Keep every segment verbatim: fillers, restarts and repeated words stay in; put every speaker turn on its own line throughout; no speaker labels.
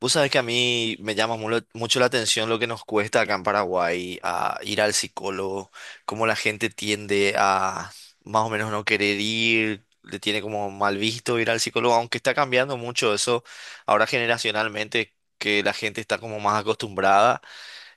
Vos sabés que a mí me llama mu- mucho la atención lo que nos cuesta acá en Paraguay a ir al psicólogo, cómo la gente tiende a más o menos no querer ir, le tiene como mal visto ir al psicólogo, aunque está cambiando mucho eso ahora generacionalmente, que la gente está como más acostumbrada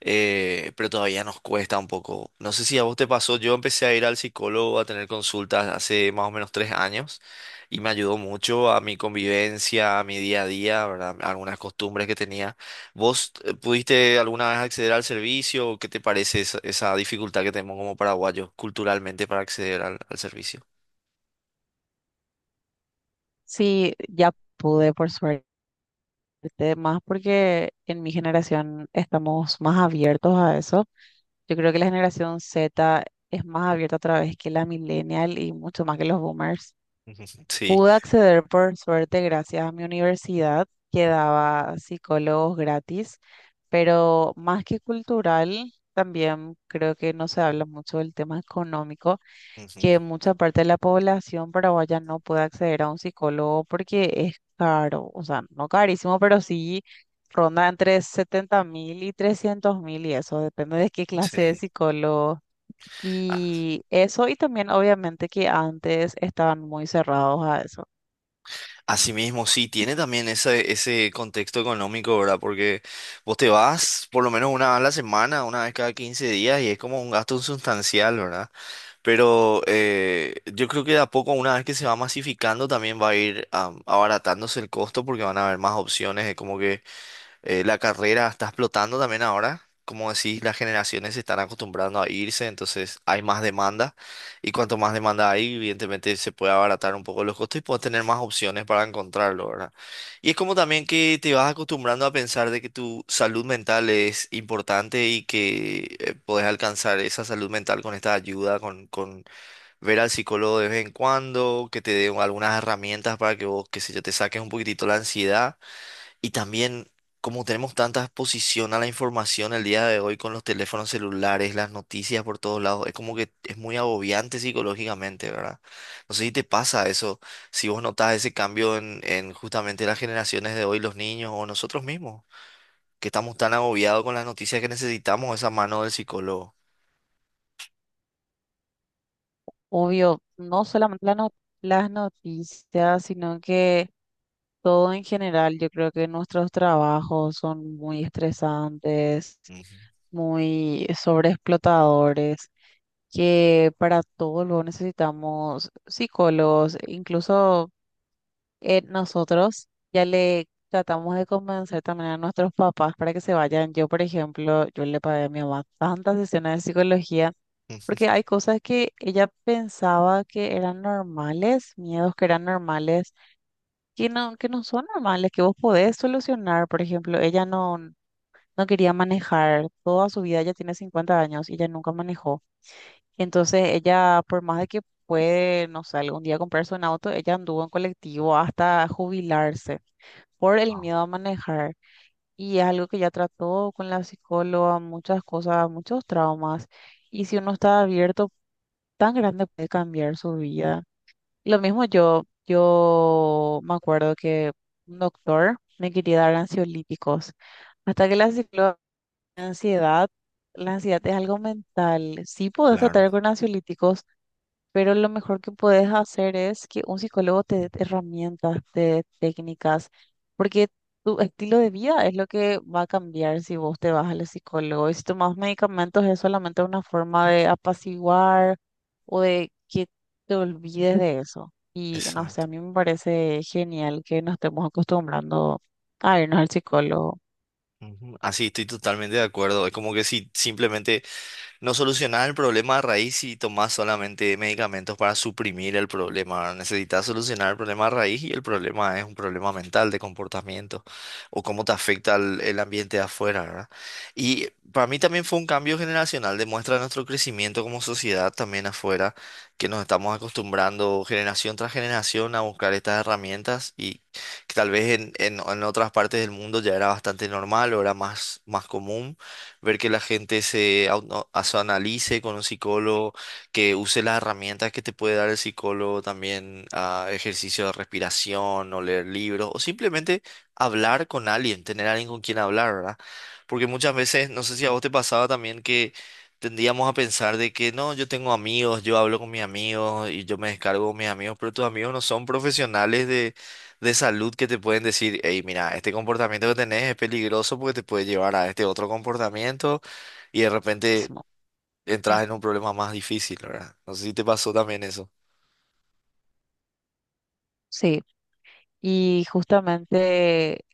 eh, pero todavía nos cuesta un poco. No sé si a vos te pasó, yo empecé a ir al psicólogo a tener consultas hace más o menos tres años y me ayudó mucho a mi convivencia, a mi día a día, ¿verdad? Algunas costumbres que tenía. ¿Vos eh, pudiste alguna vez acceder al servicio? ¿O ¿Qué te parece esa, esa dificultad que tenemos como paraguayos culturalmente para acceder al, al servicio?
Sí, ya pude, por suerte, más porque en mi generación estamos más abiertos a eso. Yo creo que la generación Z es más abierta otra vez que la millennial y mucho más que los boomers.
Ujú, sí.
Pude acceder, por suerte, gracias a mi universidad, que daba psicólogos gratis, pero más que cultural, también creo que no se habla mucho del tema económico
Ujú,
que mucha parte de la población paraguaya no puede acceder a un psicólogo porque es caro, o sea, no carísimo, pero sí ronda entre setenta mil y trescientos mil y eso depende de qué clase de
sí.
psicólogo. Y eso, y también obviamente que antes estaban muy cerrados a eso.
Asimismo, sí, tiene también ese, ese contexto económico, ¿verdad? Porque vos te vas por lo menos una vez a la semana, una vez cada quince días, y es como un gasto sustancial, ¿verdad? Pero eh, yo creo que de a poco, una vez que se va masificando, también va a ir am, abaratándose el costo porque van a haber más opciones, es como que eh, la carrera está explotando también ahora. Como decís, las generaciones se están acostumbrando a irse, entonces hay más demanda. Y cuanto más demanda hay, evidentemente se puede abaratar un poco los costos y puedes tener más opciones para encontrarlo, ¿verdad? Y es como también que te vas acostumbrando a pensar de que tu salud mental es importante y que eh, podés alcanzar esa salud mental con esta ayuda, con, con ver al psicólogo de vez en cuando, que te dé algunas herramientas para que vos, qué sé yo, te saques un poquitito la ansiedad. Y también, como tenemos tanta exposición a la información el día de hoy con los teléfonos celulares, las noticias por todos lados, es como que es muy agobiante psicológicamente, ¿verdad? No sé si te pasa eso, si vos notas ese cambio en, en justamente las generaciones de hoy, los niños o nosotros mismos, que estamos tan agobiados con las noticias que necesitamos esa mano del psicólogo.
Obvio, no solamente la no- las noticias, sino que todo en general, yo creo que nuestros trabajos son muy estresantes,
Ujú.
muy sobreexplotadores, que para todo luego necesitamos psicólogos, incluso eh, nosotros ya le tratamos de convencer también a nuestros papás para que se vayan. Yo, por ejemplo, yo le pagué a mi mamá tantas sesiones de psicología. Porque hay cosas que ella pensaba que eran normales, miedos que eran normales, que no, que no son normales, que vos podés solucionar. Por ejemplo, ella no, no quería manejar. Toda su vida, ella tiene cincuenta años y ella nunca manejó. Entonces ella, por más de que puede, no sé, algún día comprarse un auto, ella anduvo en colectivo hasta jubilarse por el miedo a manejar. Y es algo que ya trató con la psicóloga, muchas cosas, muchos traumas. Y si uno está abierto, tan grande puede cambiar su vida. Lo mismo yo, yo me acuerdo que un doctor me quería dar ansiolíticos. Hasta que la psicóloga, la ansiedad, la ansiedad es algo mental. Sí puedes tratar con ansiolíticos, pero lo mejor que puedes hacer es que un psicólogo te dé herramientas, te dé técnicas, porque tu estilo de vida es lo que va a cambiar si vos te vas al psicólogo. Y si tomas medicamentos es solamente una forma de apaciguar o de que te olvides de eso. Y no sé,
Exacto.
a mí me parece genial que nos estemos acostumbrando a irnos al psicólogo
Ujú. Así, estoy totalmente de acuerdo. Es como que si simplemente no solucionás el problema a raíz si tomás solamente medicamentos para suprimir el problema, ¿verdad? Necesitas solucionar el problema a raíz y el problema es un problema mental de comportamiento o cómo te afecta el, el ambiente de afuera, ¿verdad? Y para mí también fue un cambio generacional, demuestra nuestro crecimiento como sociedad también afuera, que nos estamos acostumbrando generación tras generación a buscar estas herramientas y que tal vez en, en- en otras partes del mundo ya era bastante normal o era más, más común ver que la gente se auto- se analice con un psicólogo, que use las herramientas que te puede dar el psicólogo también, ah, ejercicio de respiración o leer libros, o simplemente hablar con alguien, tener alguien con quien hablar, ¿verdad? Porque muchas veces, no sé si a vos te pasaba también que tendíamos a pensar de que no, yo tengo amigos, yo hablo con mis amigos y yo me descargo con mis amigos, pero tus amigos no son profesionales de salud que te pueden decir, hey, mira, este comportamiento que tenés es peligroso porque te puede llevar a este otro comportamiento y de repente
mismo.
entras en un problema más difícil, ¿verdad? No sé si te pasó también eso.
Sí. Y justamente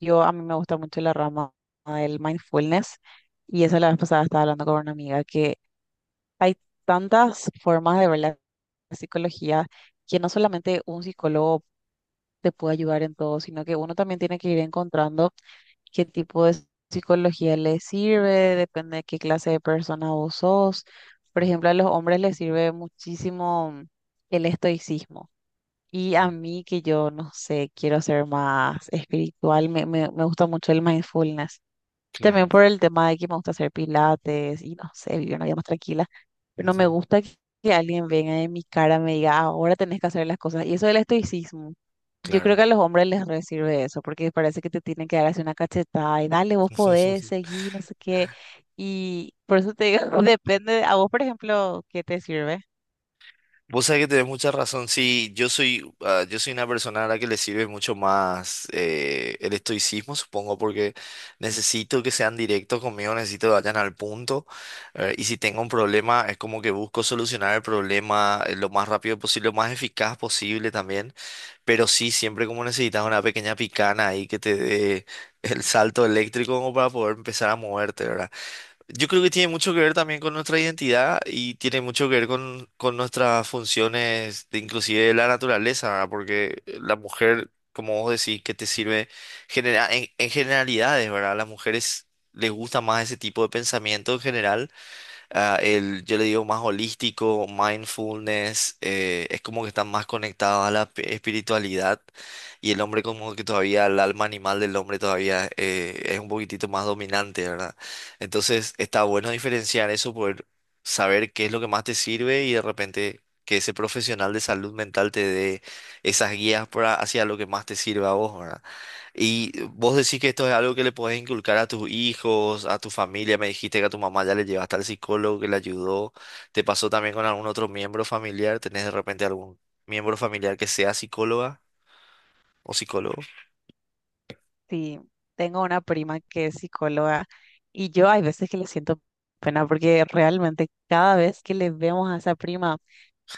yo, a mí me gusta mucho la rama del mindfulness y eso, la vez pasada estaba hablando con una amiga que hay tantas formas de ver la psicología, que no solamente un psicólogo te puede ayudar en todo, sino que uno también tiene que ir encontrando qué tipo de psicología le sirve, depende de qué clase de persona vos sos. Por ejemplo, a los hombres les sirve muchísimo el estoicismo, y
Ujú,
a mí que yo, no sé, quiero ser más espiritual, me, me, me gusta mucho el mindfulness.
claro.
También por el tema de que me gusta hacer pilates y no sé, vivir una vida más tranquila. Pero no me
Ujú,
gusta que, que alguien venga en mi cara y me diga, "Ah, ahora tenés que hacer las cosas". Y eso del estoicismo, yo creo
claro.
que a los hombres les re sirve eso, porque parece que te tienen que dar así una cachetada y dale, vos podés seguir, no sé qué. Y por eso te digo, depende, a vos, por ejemplo, ¿qué te sirve?
Vos sabés que tenés mucha razón. Sí, yo soy, ah, yo soy una persona a la que le sirve mucho más eh, el estoicismo, supongo, porque necesito que sean directos conmigo, necesito que vayan al punto. Eh, y si tengo un problema, es como que busco solucionar el problema eh, lo más rápido posible, lo más eficaz posible también. Pero sí, siempre como necesitas una pequeña picana ahí que te dé el salto eléctrico como para poder empezar a moverte, ¿verdad? Yo creo que tiene mucho que ver también con nuestra identidad y tiene mucho que ver con, con nuestras funciones, de, inclusive de la naturaleza, ¿verdad? Porque la mujer, como vos decís, que te sirve genera- en, en generalidades, ¿verdad? A las mujeres les gusta más ese tipo de pensamiento en general ah, el, yo le digo más holístico, mindfulness, eh, es como que están más conectados a la pe- espiritualidad y el hombre como que todavía, el alma animal del hombre todavía eh, es un poquitito más dominante, ¿verdad? Entonces está bueno diferenciar eso, poder saber qué es lo que más te sirve y de repente que ese profesional de salud mental te dé esas guías para, hacia lo que más te sirve a vos, ¿verdad? Y vos decís que esto es algo que le podés inculcar a tus hijos, a tu familia. Me dijiste que a tu mamá ya le llevaste al psicólogo que le ayudó. ¿Te pasó también con algún otro miembro familiar? ¿Tenés de repente algún miembro familiar que sea psicóloga o psicólogo?
Sí, tengo una prima que es psicóloga, y yo hay veces que le siento pena porque realmente cada vez que le vemos a esa prima,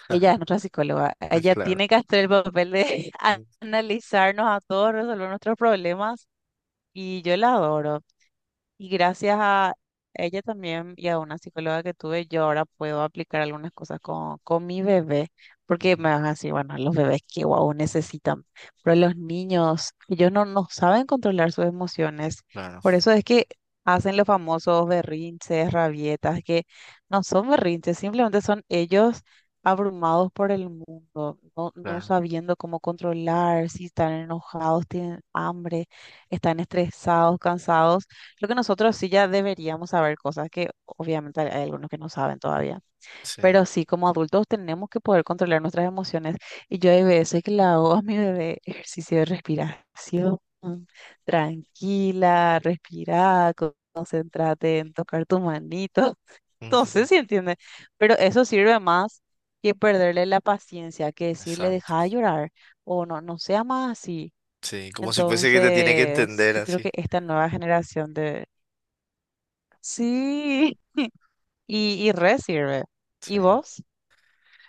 ella es nuestra psicóloga, ella
Claro.
tiene que hacer el papel de analizarnos a todos, resolver nuestros problemas, y yo la adoro. Y gracias a ella también, y a una psicóloga que tuve, yo ahora puedo aplicar algunas cosas con, con mi bebé, porque
Ujú,
me van a decir, bueno, los bebés que guau necesitan, pero los niños, ellos no, no saben controlar sus emociones,
claro,
por eso es que hacen los famosos berrinches, rabietas, que no son berrinches, simplemente son ellos abrumados por el mundo, no, no
claro.
sabiendo cómo controlar, si están enojados, tienen hambre, están estresados, cansados. Creo que nosotros sí ya deberíamos saber cosas, que obviamente hay hay algunos que no saben todavía,
Sí.
pero sí como adultos tenemos que poder controlar nuestras emociones. Y yo hay veces que le hago a mi bebé ejercicio de respiración, tranquila, respira, co- concéntrate en tocar tu manito. No
Ujú,
sé si entiende, pero eso sirve más que perderle la paciencia, que decirle
exacto.
deja de llorar, o no, no sea más así.
Sí, como si fuese que te tiene que
Entonces,
entender
yo creo que
así.
esta nueva generación de sí, y, y re sirve. ¿Y
Sí.
vos?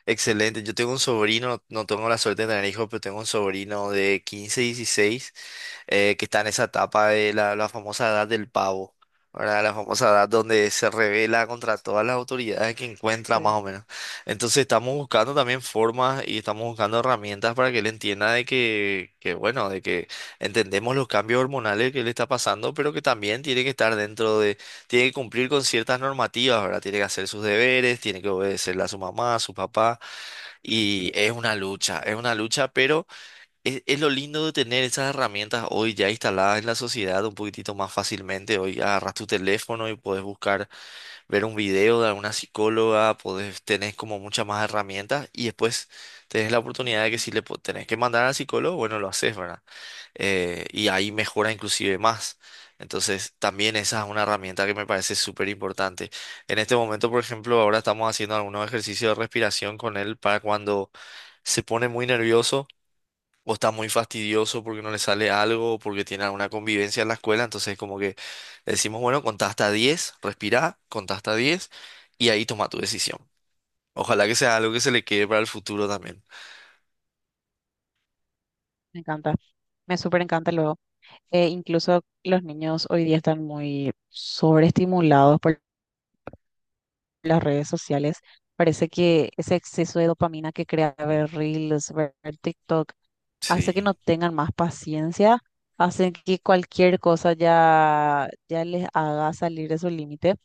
Excelente, yo tengo un sobrino, no tengo la suerte de tener hijos, pero tengo un sobrino de quince, dieciséis, eh, que está en esa etapa de la, la famosa edad del pavo, ¿verdad? La famosa edad donde se revela contra todas las autoridades que encuentra, más
Sí.
o menos. Entonces estamos buscando también formas y estamos buscando herramientas para que él entienda de que, que, bueno, de que entendemos los cambios hormonales que le está pasando, pero que también tiene que estar dentro de, tiene que cumplir con ciertas normativas, ¿verdad? Tiene que hacer sus deberes, tiene que obedecerle a su mamá, a su papá. Y es una lucha, es una lucha, pero es, es lo lindo de tener esas herramientas hoy ya instaladas en la sociedad un poquitito más fácilmente. Hoy agarras tu teléfono y puedes buscar, ver un video de alguna psicóloga, podés, tenés como muchas más herramientas y después tenés la oportunidad de que si le po- tenés que mandar al psicólogo, bueno, lo haces, ¿verdad? Eh, y ahí mejora inclusive más. Entonces, también esa es una herramienta que me parece súper importante. En este momento, por ejemplo, ahora estamos haciendo algunos ejercicios de respiración con él para cuando se pone muy nervioso o está muy fastidioso porque no le sale algo o porque tiene alguna convivencia en la escuela. Entonces, como que decimos, bueno, contá hasta diez, respirá, contá hasta diez y ahí toma tu decisión. Ojalá que sea algo que se le quede para el futuro también.
Me encanta. Me súper encanta luego. Eh, incluso los niños hoy día están muy sobreestimulados por las redes sociales. Parece que ese exceso de dopamina que crea
Mm,
ver Reels, ver TikTok, hace que no
sí.
tengan más paciencia, hace que cualquier cosa ya, ya les haga salir de su límite.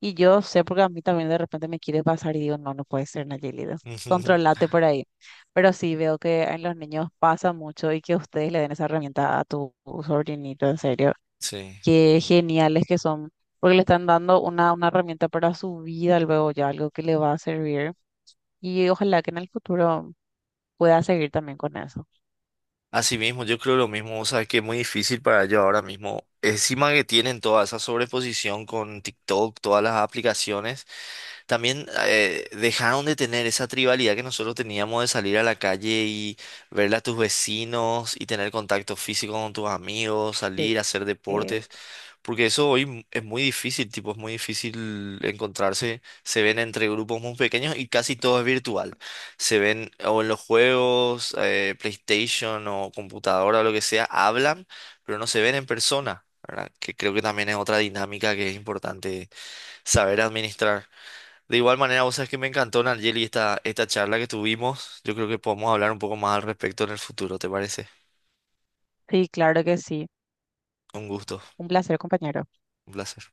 Y yo sé porque a mí también de repente me quiere pasar y digo, no, no puede ser, Nayelida, controlate por ahí. Pero sí veo que en los niños pasa mucho, y que ustedes le den esa herramienta a tu sobrinito, en serio.
Sí.
Qué geniales que son, porque le están dando una, una herramienta para su vida luego ya, algo que le va a servir. Y ojalá que en el futuro pueda seguir también con eso.
Así mismo, yo creo lo mismo, o sea, que es muy difícil para ellos ahora mismo. Encima que tienen toda esa sobreposición con TikTok, todas las aplicaciones, también eh, dejaron de tener esa tribalidad que nosotros teníamos de salir a la calle y verle a tus vecinos y tener contacto físico con tus amigos,
Sí.
salir a hacer
Eh,
deportes. Porque eso hoy es muy difícil, tipo, es muy difícil encontrarse. Se ven entre grupos muy pequeños y casi todo es virtual. Se ven o en los juegos, eh, PlayStation o computadora o lo que sea, hablan, pero no se ven en persona, ¿verdad? Que creo que también es otra dinámica que es importante saber administrar. De igual manera, vos sabés que me encantó, Nayeli, esta, esta charla que tuvimos. Yo creo que podemos hablar un poco más al respecto en el futuro, ¿te parece?
sí, claro que sí.
Un gusto,
Un placer, compañero.
un placer.